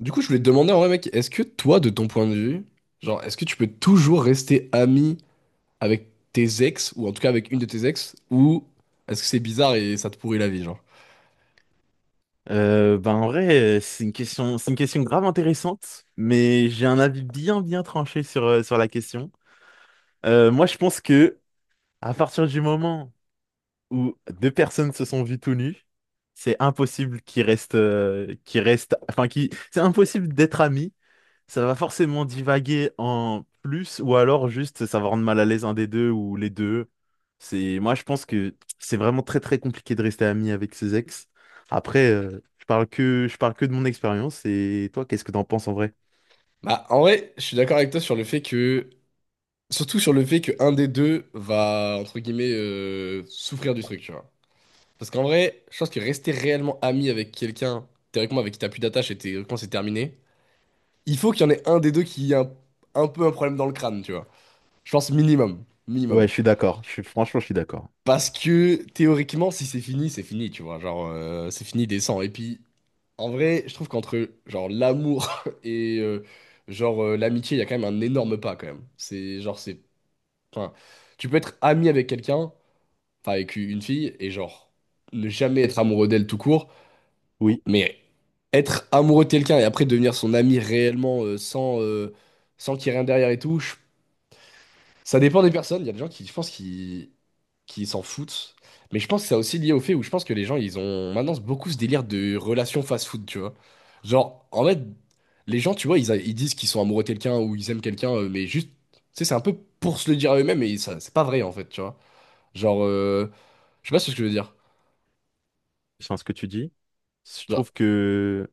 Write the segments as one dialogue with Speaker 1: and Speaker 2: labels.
Speaker 1: Du coup, je voulais te demander en vrai, mec, est-ce que toi, de ton point de vue, genre, est-ce que tu peux toujours rester ami avec tes ex, ou en tout cas avec une de tes ex, ou est-ce que c'est bizarre et ça te pourrit la vie, genre?
Speaker 2: Bah en vrai, c'est une question grave intéressante, mais j'ai un avis bien bien tranché sur la question. Moi, je pense que à partir du moment où deux personnes se sont vues tout nues, c'est impossible qu'ils restent, enfin, qui, c'est impossible d'être amis. Ça va forcément divaguer en plus, ou alors juste ça va rendre mal à l'aise un des deux ou les deux. Moi, je pense que c'est vraiment très très compliqué de rester ami avec ses ex. Après, je parle que de mon expérience. Et toi, qu'est-ce que t'en penses en vrai?
Speaker 1: Bah, en vrai, je suis d'accord avec toi sur le fait que, surtout sur le fait que un des deux va, entre guillemets, souffrir du truc, tu vois. Parce qu'en vrai, je pense que rester réellement ami avec quelqu'un, théoriquement avec qui t'as plus d'attache et théoriquement c'est terminé, il faut qu'il y en ait un des deux qui ait un peu un problème dans le crâne, tu vois. Je pense minimum,
Speaker 2: Ouais,
Speaker 1: minimum.
Speaker 2: je suis d'accord. Franchement, je suis d'accord.
Speaker 1: Parce que théoriquement, si c'est fini, c'est fini, tu vois. Genre, c'est fini des sangs. Et puis, en vrai, je trouve qu'entre genre l'amour et genre l'amitié, il y a quand même un énorme pas quand même. C'est genre, c'est. Enfin, tu peux être ami avec quelqu'un, enfin avec une fille, et genre ne jamais être amoureux d'elle tout court,
Speaker 2: Oui,
Speaker 1: mais être amoureux de quelqu'un et après devenir son ami réellement sans, sans qu'il y ait rien derrière et tout, je ça dépend des personnes. Il y a des gens qui, je pense, qui s'en foutent. Mais je pense que c'est aussi lié au fait où je pense que les gens, ils ont maintenant beaucoup ce délire de relation fast-food, tu vois. Genre, en fait, les gens, tu vois, ils, ils disent qu'ils sont amoureux de quelqu'un ou ils aiment quelqu'un, mais juste, tu sais, c'est un peu pour se le dire à eux-mêmes et ça, c'est pas vrai, en fait, tu vois. Genre, je sais pas ce que je veux dire.
Speaker 2: je sens ce que tu dis. Je
Speaker 1: Genre,
Speaker 2: trouve que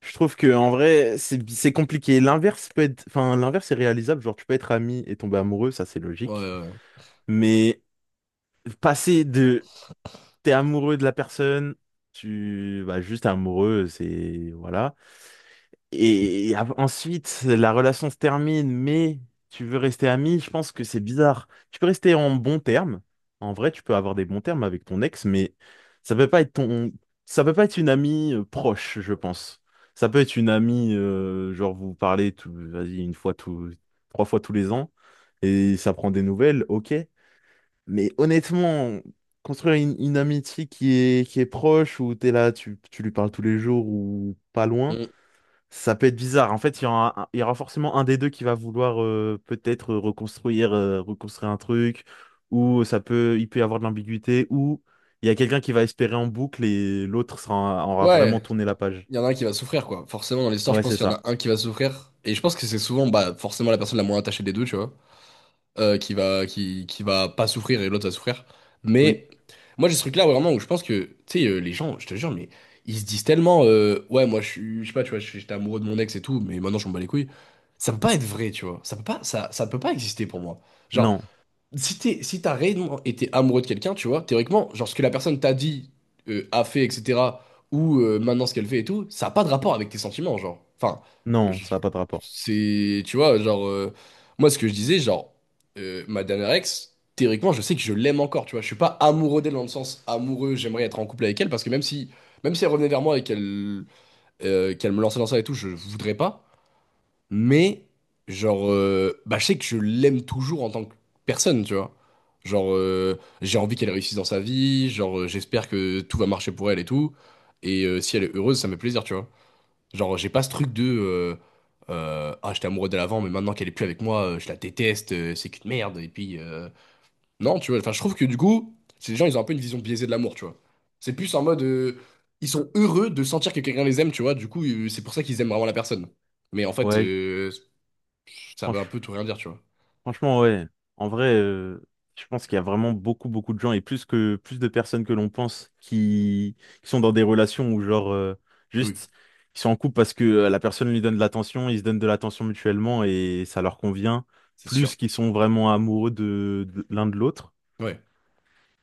Speaker 2: Je trouve que en vrai, c'est compliqué. L'inverse peut être, enfin, L'inverse est réalisable. Genre, tu peux être ami et tomber amoureux, ça c'est
Speaker 1: ouais,
Speaker 2: logique.
Speaker 1: ouais, ouais,
Speaker 2: Mais passer de t'es amoureux de la personne, tu bah juste t'es amoureux, c'est voilà, et ensuite, la relation se termine, mais tu veux rester ami, je pense que c'est bizarre. Tu peux rester en bons termes. En vrai, tu peux avoir des bons termes avec ton ex, mais ça peut pas être ton... ça peut pas être une amie proche, je pense. Ça peut être une amie, genre vous parlez tout, vas-y, trois fois tous les ans, et ça prend des nouvelles, ok. Mais honnêtement, construire une amitié qui est proche, où t'es là, tu lui parles tous les jours ou pas loin.
Speaker 1: Mm.
Speaker 2: Ça peut être bizarre. En fait, il y aura forcément un des deux qui va vouloir peut-être reconstruire un truc, ou il peut y avoir de l'ambiguïté, ou il y a quelqu'un qui va espérer en boucle et l'autre aura vraiment
Speaker 1: Ouais,
Speaker 2: tourné la page.
Speaker 1: il y en a un qui va souffrir, quoi. Forcément, dans l'histoire, je
Speaker 2: Ouais,
Speaker 1: pense
Speaker 2: c'est
Speaker 1: qu'il y en a
Speaker 2: ça.
Speaker 1: un qui va souffrir. Et je pense que c'est souvent, bah, forcément, la personne la moins attachée des deux, tu vois. Qui va, qui va pas souffrir et l'autre va souffrir.
Speaker 2: Oui.
Speaker 1: Mais moi, j'ai ce truc-là vraiment où je pense que, tu sais, les gens, je te jure, mais ils se disent tellement, ouais, moi, je suis, je sais pas, tu vois, j'étais amoureux de mon ex et tout, mais maintenant, je m'en bats les couilles. Ça peut pas être vrai, tu vois. Ça peut pas, ça peut pas exister pour moi. Genre,
Speaker 2: Non.
Speaker 1: si t'es, si t'as réellement été amoureux de quelqu'un, tu vois, théoriquement, genre ce que la personne t'a dit, a fait, etc., ou maintenant ce qu'elle fait et tout, ça n'a pas de rapport avec tes sentiments, genre. Enfin,
Speaker 2: Non,
Speaker 1: je-
Speaker 2: ça n'a pas de rapport.
Speaker 1: c'est, tu vois, genre, moi ce que je disais, genre, ma dernière ex, théoriquement, je sais que je l'aime encore, tu vois, je suis pas amoureux d'elle dans le sens amoureux, j'aimerais être en couple avec elle, parce que même si elle revenait vers moi et qu'elle me lançait dans ça et tout, je voudrais pas. Mais, genre, bah, je sais que je l'aime toujours en tant que personne, tu vois. Genre, j'ai envie qu'elle réussisse dans sa vie, genre, j'espère que tout va marcher pour elle et tout. Et si elle est heureuse, ça me fait plaisir, tu vois. Genre, j'ai pas ce truc de, ah, j'étais amoureux d'elle avant, mais maintenant qu'elle est plus avec moi, je la déteste, c'est qu'une merde. Et puis, non, tu vois, enfin, je trouve que du coup, ces gens, ils ont un peu une vision biaisée de l'amour, tu vois. C'est plus en mode, ils sont heureux de sentir que quelqu'un les aime, tu vois. Du coup, c'est pour ça qu'ils aiment vraiment la personne. Mais en fait,
Speaker 2: Ouais,
Speaker 1: ça veut un
Speaker 2: franchement.
Speaker 1: peu tout rien dire, tu vois.
Speaker 2: Franchement, ouais. En vrai, je pense qu'il y a vraiment beaucoup, beaucoup de gens et plus que plus de personnes que l'on pense qui sont dans des relations où genre
Speaker 1: Oui,
Speaker 2: juste ils sont en couple parce que la personne lui donne de l'attention, ils se donnent de l'attention mutuellement et ça leur convient,
Speaker 1: c'est sûr.
Speaker 2: plus qu'ils sont vraiment amoureux de l'un de l'autre.
Speaker 1: Ouais,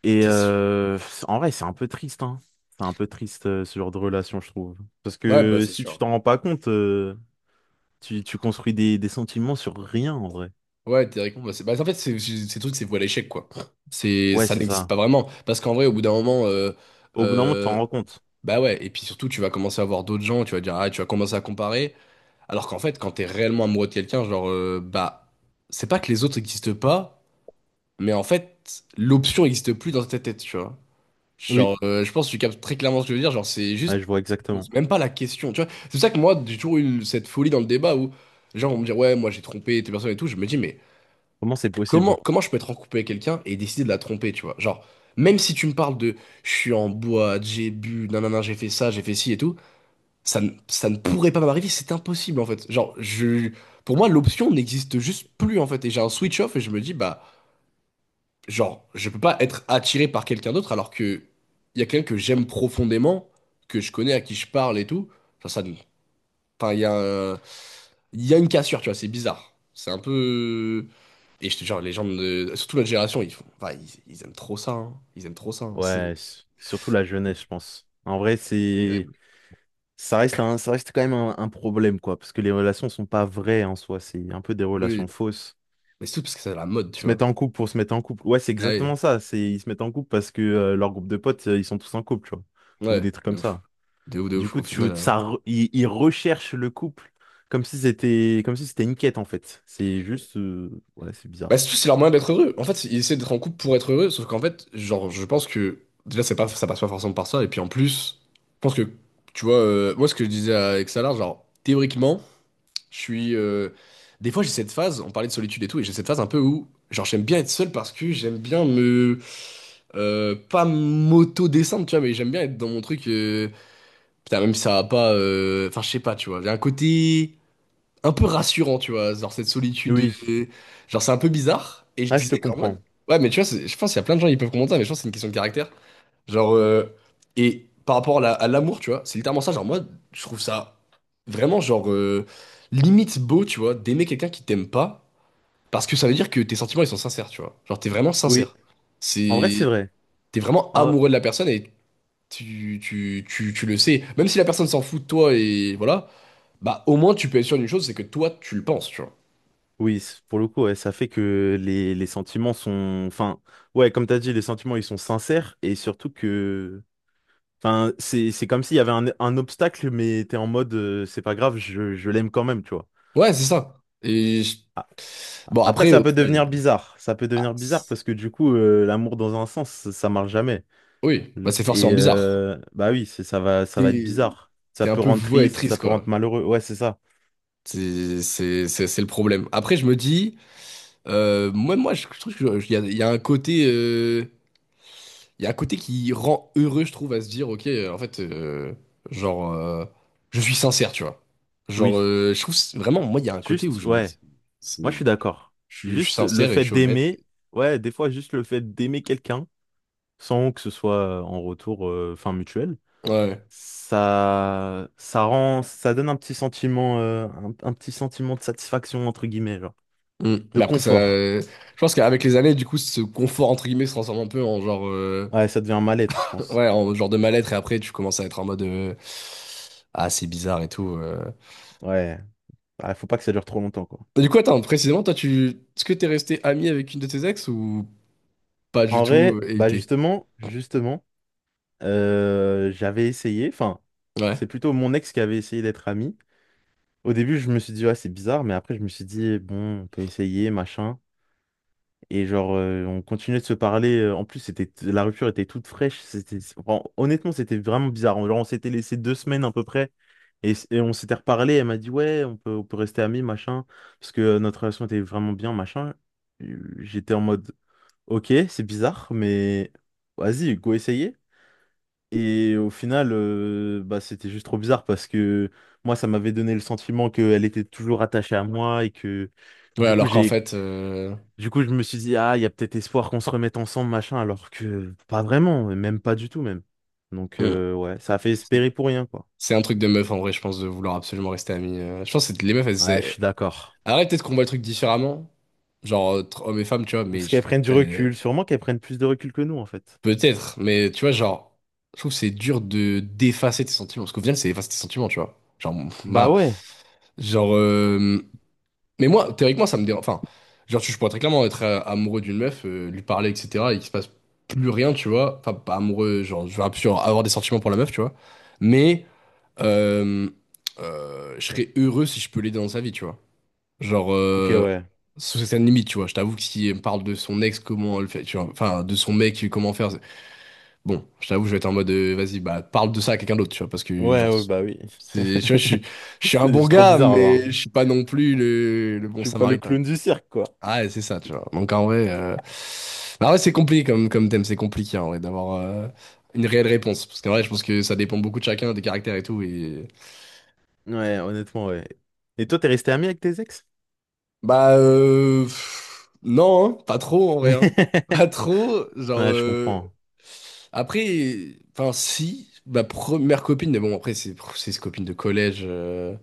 Speaker 2: Et
Speaker 1: c'est sûr.
Speaker 2: en vrai, c'est un peu triste, hein. C'est un peu triste ce genre de relation, je trouve. Parce
Speaker 1: Ouais, bah
Speaker 2: que
Speaker 1: c'est
Speaker 2: si tu
Speaker 1: sûr.
Speaker 2: t'en rends pas compte, tu construis des sentiments sur rien en vrai.
Speaker 1: Ouais, théoriquement, bah, c'est... bah, en fait, c'est, ces trucs, c'est voile à l'échec, quoi. C'est...
Speaker 2: Ouais,
Speaker 1: Ça
Speaker 2: c'est
Speaker 1: n'existe
Speaker 2: ça.
Speaker 1: pas vraiment. Parce qu'en vrai, au bout d'un moment,
Speaker 2: Au bout d'un moment, tu t'en
Speaker 1: euh,
Speaker 2: rends compte.
Speaker 1: bah ouais, et puis surtout, tu vas commencer à voir d'autres gens, tu vas dire, ah, tu vas commencer à comparer. Alors qu'en fait, quand t'es réellement amoureux de quelqu'un, genre, bah, c'est pas que les autres n'existent pas, mais en fait, l'option n'existe plus dans ta tête, tu vois.
Speaker 2: Oui,
Speaker 1: Genre, je pense que tu captes très clairement ce que je veux dire. Genre, c'est
Speaker 2: ouais,
Speaker 1: juste,
Speaker 2: je vois
Speaker 1: je
Speaker 2: exactement.
Speaker 1: pose même pas la question. Tu vois, c'est pour ça que moi, j'ai toujours eu cette folie dans le débat où, genre, on me dit, ouais, moi j'ai trompé tes personnes et tout. Je me dis, mais
Speaker 2: Comment c'est
Speaker 1: comment,
Speaker 2: possible?
Speaker 1: comment je peux être en couple avec quelqu'un et décider de la tromper, tu vois? Genre, même si tu me parles de, je suis en boîte, j'ai bu, nanana, j'ai fait ça, j'ai fait ci et tout, ça, ça ne pourrait pas m'arriver. C'est impossible, en fait. Genre, je, pour moi, l'option n'existe juste plus, en fait. Et j'ai un switch off et je me dis, bah. Genre, je peux pas être attiré par quelqu'un d'autre alors que il y a quelqu'un que j'aime profondément, que je connais, à qui je parle et tout. Enfin, ça, enfin, il y a un- il y a une cassure, tu vois, c'est bizarre. C'est un peu... Et je te jure, les gens de... Surtout notre génération, ils font... Enfin, ils aiment trop ça, hein. Ils aiment trop ça, hein. C'est
Speaker 2: Ouais, surtout la jeunesse, je pense. En vrai, c'est
Speaker 1: terrible.
Speaker 2: ça reste un- ça reste quand même un problème, quoi, parce que les relations sont pas vraies en soi, c'est un peu des relations
Speaker 1: Oui,
Speaker 2: fausses.
Speaker 1: mais c'est tout parce que c'est la mode,
Speaker 2: Ils
Speaker 1: tu
Speaker 2: se mettent
Speaker 1: vois.
Speaker 2: en couple pour se mettre en couple. Ouais, c'est
Speaker 1: Ah oui.
Speaker 2: exactement ça. C'est Ils se mettent en couple parce que leur groupe de potes, ils sont tous en couple, tu vois, ou
Speaker 1: Ouais,
Speaker 2: des trucs
Speaker 1: de
Speaker 2: comme
Speaker 1: ouf.
Speaker 2: ça.
Speaker 1: De ouf, de
Speaker 2: Du
Speaker 1: ouf. Au
Speaker 2: coup,
Speaker 1: final...
Speaker 2: tu ça re- ils recherchent le couple comme si c'était une quête en fait. C'est juste ouais, c'est
Speaker 1: Bah,
Speaker 2: bizarre.
Speaker 1: c'est tout, c'est leur moyen d'être heureux. En fait, ils essaient d'être en couple pour être heureux, sauf qu'en fait, genre, je pense que déjà, c'est pas, ça passe pas forcément par ça. Et puis en plus, je pense que, tu vois, moi, ce que je disais avec Xalar, genre, théoriquement, je suis. Des fois, j'ai cette phase, on parlait de solitude et tout, et j'ai cette phase un peu où, genre, j'aime bien être seul parce que j'aime bien me. Pas m'auto-descendre, tu vois, mais j'aime bien être dans mon truc. Putain, même si ça va pas. Enfin, je sais pas, tu vois. Il y a un côté un peu rassurant, tu vois, genre cette solitude,
Speaker 2: Oui.
Speaker 1: euh, genre c'est un peu bizarre. Et je
Speaker 2: Ah, je te
Speaker 1: disais qu'en
Speaker 2: comprends.
Speaker 1: mode, ouais, mais tu vois, je pense qu'il y a plein de gens qui peuvent comprendre ça, mais je pense que c'est une question de caractère. Genre, et par rapport à à l'amour, tu vois, c'est littéralement ça. Genre, moi, je trouve ça vraiment, genre, limite beau, tu vois, d'aimer quelqu'un qui t'aime pas, parce que ça veut dire que tes sentiments, ils sont sincères, tu vois. Genre, t'es vraiment
Speaker 2: Oui,
Speaker 1: sincère.
Speaker 2: en vrai, c'est
Speaker 1: C'est.
Speaker 2: vrai.
Speaker 1: T'es vraiment
Speaker 2: En-
Speaker 1: amoureux de la personne et tu le sais. Même si la personne s'en fout de toi et voilà, bah, au moins, tu peux être sûr d'une chose, c'est que toi, tu le penses, tu vois.
Speaker 2: Oui, pour le coup, ouais, ça fait que les sentiments sont... Enfin, ouais, comme t'as dit, les sentiments, ils sont sincères et surtout que... Enfin, c'est comme s'il y avait un obstacle, mais t'es en mode, c'est pas grave, je l'aime quand même, tu vois.
Speaker 1: Ouais, c'est ça. Et
Speaker 2: A-
Speaker 1: bon,
Speaker 2: Après,
Speaker 1: après,
Speaker 2: ça
Speaker 1: au
Speaker 2: peut
Speaker 1: final,
Speaker 2: devenir bizarre. Ça peut devenir bizarre
Speaker 1: c'est-
Speaker 2: parce que du coup, l'amour dans un sens, ça marche jamais.
Speaker 1: oui, bah, c'est
Speaker 2: Et
Speaker 1: forcément bizarre.
Speaker 2: bah oui, ça va être
Speaker 1: T'es
Speaker 2: bizarre. Ça
Speaker 1: T'es un
Speaker 2: peut
Speaker 1: peu
Speaker 2: rendre
Speaker 1: voué à être
Speaker 2: triste,
Speaker 1: triste,
Speaker 2: ça peut rendre
Speaker 1: quoi.
Speaker 2: malheureux. Ouais, c'est ça.
Speaker 1: C'est le problème. Après, je me dis, moi, je trouve qu'il y a, il y a un côté, il y a un côté qui rend heureux, je trouve, à se dire, ok, en fait, genre, je suis sincère, tu vois. Genre,
Speaker 2: Oui.
Speaker 1: je trouve vraiment, moi, il y a un côté où
Speaker 2: Juste,
Speaker 1: je me
Speaker 2: ouais.
Speaker 1: dis,
Speaker 2: Moi,
Speaker 1: c'est,
Speaker 2: je suis
Speaker 1: bah,
Speaker 2: d'accord.
Speaker 1: je suis
Speaker 2: Juste le
Speaker 1: sincère et je
Speaker 2: fait
Speaker 1: suis honnête.
Speaker 2: d'aimer, ouais, des fois, juste le fait d'aimer quelqu'un, sans que ce soit en retour, fin mutuel,
Speaker 1: Ouais.
Speaker 2: ça donne un petit sentiment, un petit sentiment de satisfaction, entre guillemets, genre,
Speaker 1: Mm.
Speaker 2: de
Speaker 1: Mais après, ça...
Speaker 2: confort.
Speaker 1: je pense qu'avec les années, du coup, ce confort, entre guillemets, se transforme un peu en genre,
Speaker 2: Ouais, ça devient un mal-être, je pense.
Speaker 1: ouais, en genre de mal-être. Et après, tu commences à être en mode, ah, c'est bizarre et tout.
Speaker 2: Ouais, ah, faut pas que ça dure trop longtemps, quoi.
Speaker 1: Et du coup, attends, précisément, toi, tu... est-ce que t'es resté ami avec une de tes ex ou pas du
Speaker 2: En
Speaker 1: tout,
Speaker 2: vrai, bah
Speaker 1: évité?
Speaker 2: justement, euh, j'avais essayé, enfin,
Speaker 1: Ouais.
Speaker 2: c'est plutôt mon ex qui avait essayé d'être ami. Au début, je me suis dit, ouais, c'est bizarre, mais après, je me suis dit, bon, on peut essayer, machin. Et genre, on continuait de se parler. En plus, c'était la rupture était toute fraîche. Honnêtement, c'était vraiment bizarre. Genre, on s'était laissé 2 semaines à peu près. Et on s'était reparlé. Elle m'a dit, ouais, on peut rester amis, machin. Parce que notre relation était vraiment bien, machin. J'étais en mode, ok, c'est bizarre, mais vas-y, go essayer. Et au final, bah, c'était juste trop bizarre parce que moi, ça m'avait donné le sentiment qu'elle était toujours attachée à moi et que
Speaker 1: Ouais,
Speaker 2: du coup,
Speaker 1: alors qu'en
Speaker 2: j'ai,
Speaker 1: fait,
Speaker 2: du coup, je me suis dit, ah, il y a peut-être espoir qu'on se remette ensemble, machin, alors que pas vraiment, même pas du tout, même. Donc,
Speaker 1: mm.
Speaker 2: ouais, ça a fait
Speaker 1: C'est
Speaker 2: espérer pour rien, quoi.
Speaker 1: c'est un truc de meuf, en vrai, je pense, de vouloir absolument rester ami. Je pense que les meufs, elles...
Speaker 2: Ouais, je suis d'accord.
Speaker 1: Arrête, peut-être qu'on voit le truc différemment. Genre, entre hommes et femmes, tu vois, mais...
Speaker 2: Parce qu'elles prennent du recul, sûrement qu'elles prennent plus de recul que nous, en fait.
Speaker 1: Peut-être, mais tu vois, genre, je trouve que c'est dur de d'effacer tes sentiments, parce qu'au final, c'est effacer tes sentiments, tu vois. Genre,
Speaker 2: Bah
Speaker 1: ma,
Speaker 2: ouais.
Speaker 1: genre, mais moi, théoriquement, ça me dérange. Enfin, genre, je pourrais très clairement être amoureux d'une meuf, lui parler, etc., et qu'il se passe plus rien, tu vois. Enfin, pas amoureux, genre, je vais absolument avoir des sentiments pour la meuf, tu vois. Mais euh, je serais heureux si je peux l'aider dans sa vie, tu vois. Genre,
Speaker 2: Ok, ouais.
Speaker 1: sous certaines limites, tu vois. Je t'avoue que si elle me parle de son ex, comment elle fait, tu vois. Enfin, de son mec, comment faire. Bon, je t'avoue, je vais être en mode, vas-y, bah, parle de ça à quelqu'un d'autre, tu vois, parce que,
Speaker 2: Ouais,
Speaker 1: genre,
Speaker 2: ouais, bah oui.
Speaker 1: c'est, tu vois, je suis un bon
Speaker 2: C'est trop
Speaker 1: gars,
Speaker 2: bizarre, là.
Speaker 1: mais je
Speaker 2: hein.
Speaker 1: suis pas non plus le
Speaker 2: Je
Speaker 1: bon
Speaker 2: suis pas le
Speaker 1: samaritain.
Speaker 2: clown du cirque, quoi.
Speaker 1: Ah, ouais, c'est ça, tu vois. Donc, en vrai, bah, ouais, c'est compliqué comme, comme thème, c'est compliqué, en vrai, d'avoir une réelle réponse. Parce qu'en vrai, je pense que ça dépend beaucoup de chacun, des caractères et tout, et...
Speaker 2: Ouais, honnêtement, ouais. Et toi, t'es resté ami avec tes ex?
Speaker 1: Bah, pff, non, hein, pas trop, en vrai, hein. Pas trop, genre,
Speaker 2: Ouais, je comprends.
Speaker 1: après, enfin, si, ma première copine, mais bon, après, c'est copine de collège...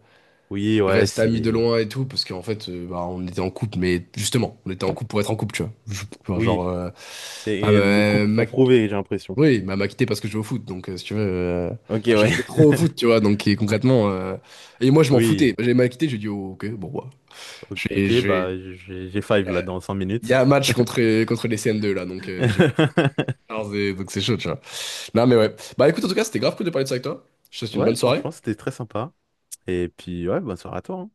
Speaker 2: Oui, ouais,
Speaker 1: reste amis de
Speaker 2: c'est...
Speaker 1: loin et tout, parce qu'en fait, bah, on était en couple, mais justement, on était en couple pour être en couple, tu vois. Enfin, genre,
Speaker 2: Oui,
Speaker 1: enfin,
Speaker 2: c'est le couple
Speaker 1: ma-
Speaker 2: pour
Speaker 1: ma-
Speaker 2: prouver, j'ai l'impression.
Speaker 1: oui, ma m'a quitté parce que je jouais au foot, donc si tu veux,
Speaker 2: Ok,
Speaker 1: enfin, je
Speaker 2: ouais.
Speaker 1: jouais trop au foot, tu vois, donc et concrètement, et moi je m'en foutais.
Speaker 2: Oui.
Speaker 1: J'ai m'a quitté, j'ai dit, oh, ok, bon, bah, je vais,
Speaker 2: Ok,
Speaker 1: je vais-
Speaker 2: bah, j'ai five là dans 5
Speaker 1: il y
Speaker 2: minutes.
Speaker 1: a un match contre, contre les CM2 là, donc j'y vais. Alors, donc c'est chaud, tu vois. Non, mais ouais. Bah écoute, en tout cas, c'était grave cool de parler de ça avec toi. Je te souhaite une
Speaker 2: Ouais,
Speaker 1: bonne soirée.
Speaker 2: franchement, c'était très sympa. Et puis, ouais, bonne soirée à toi, hein.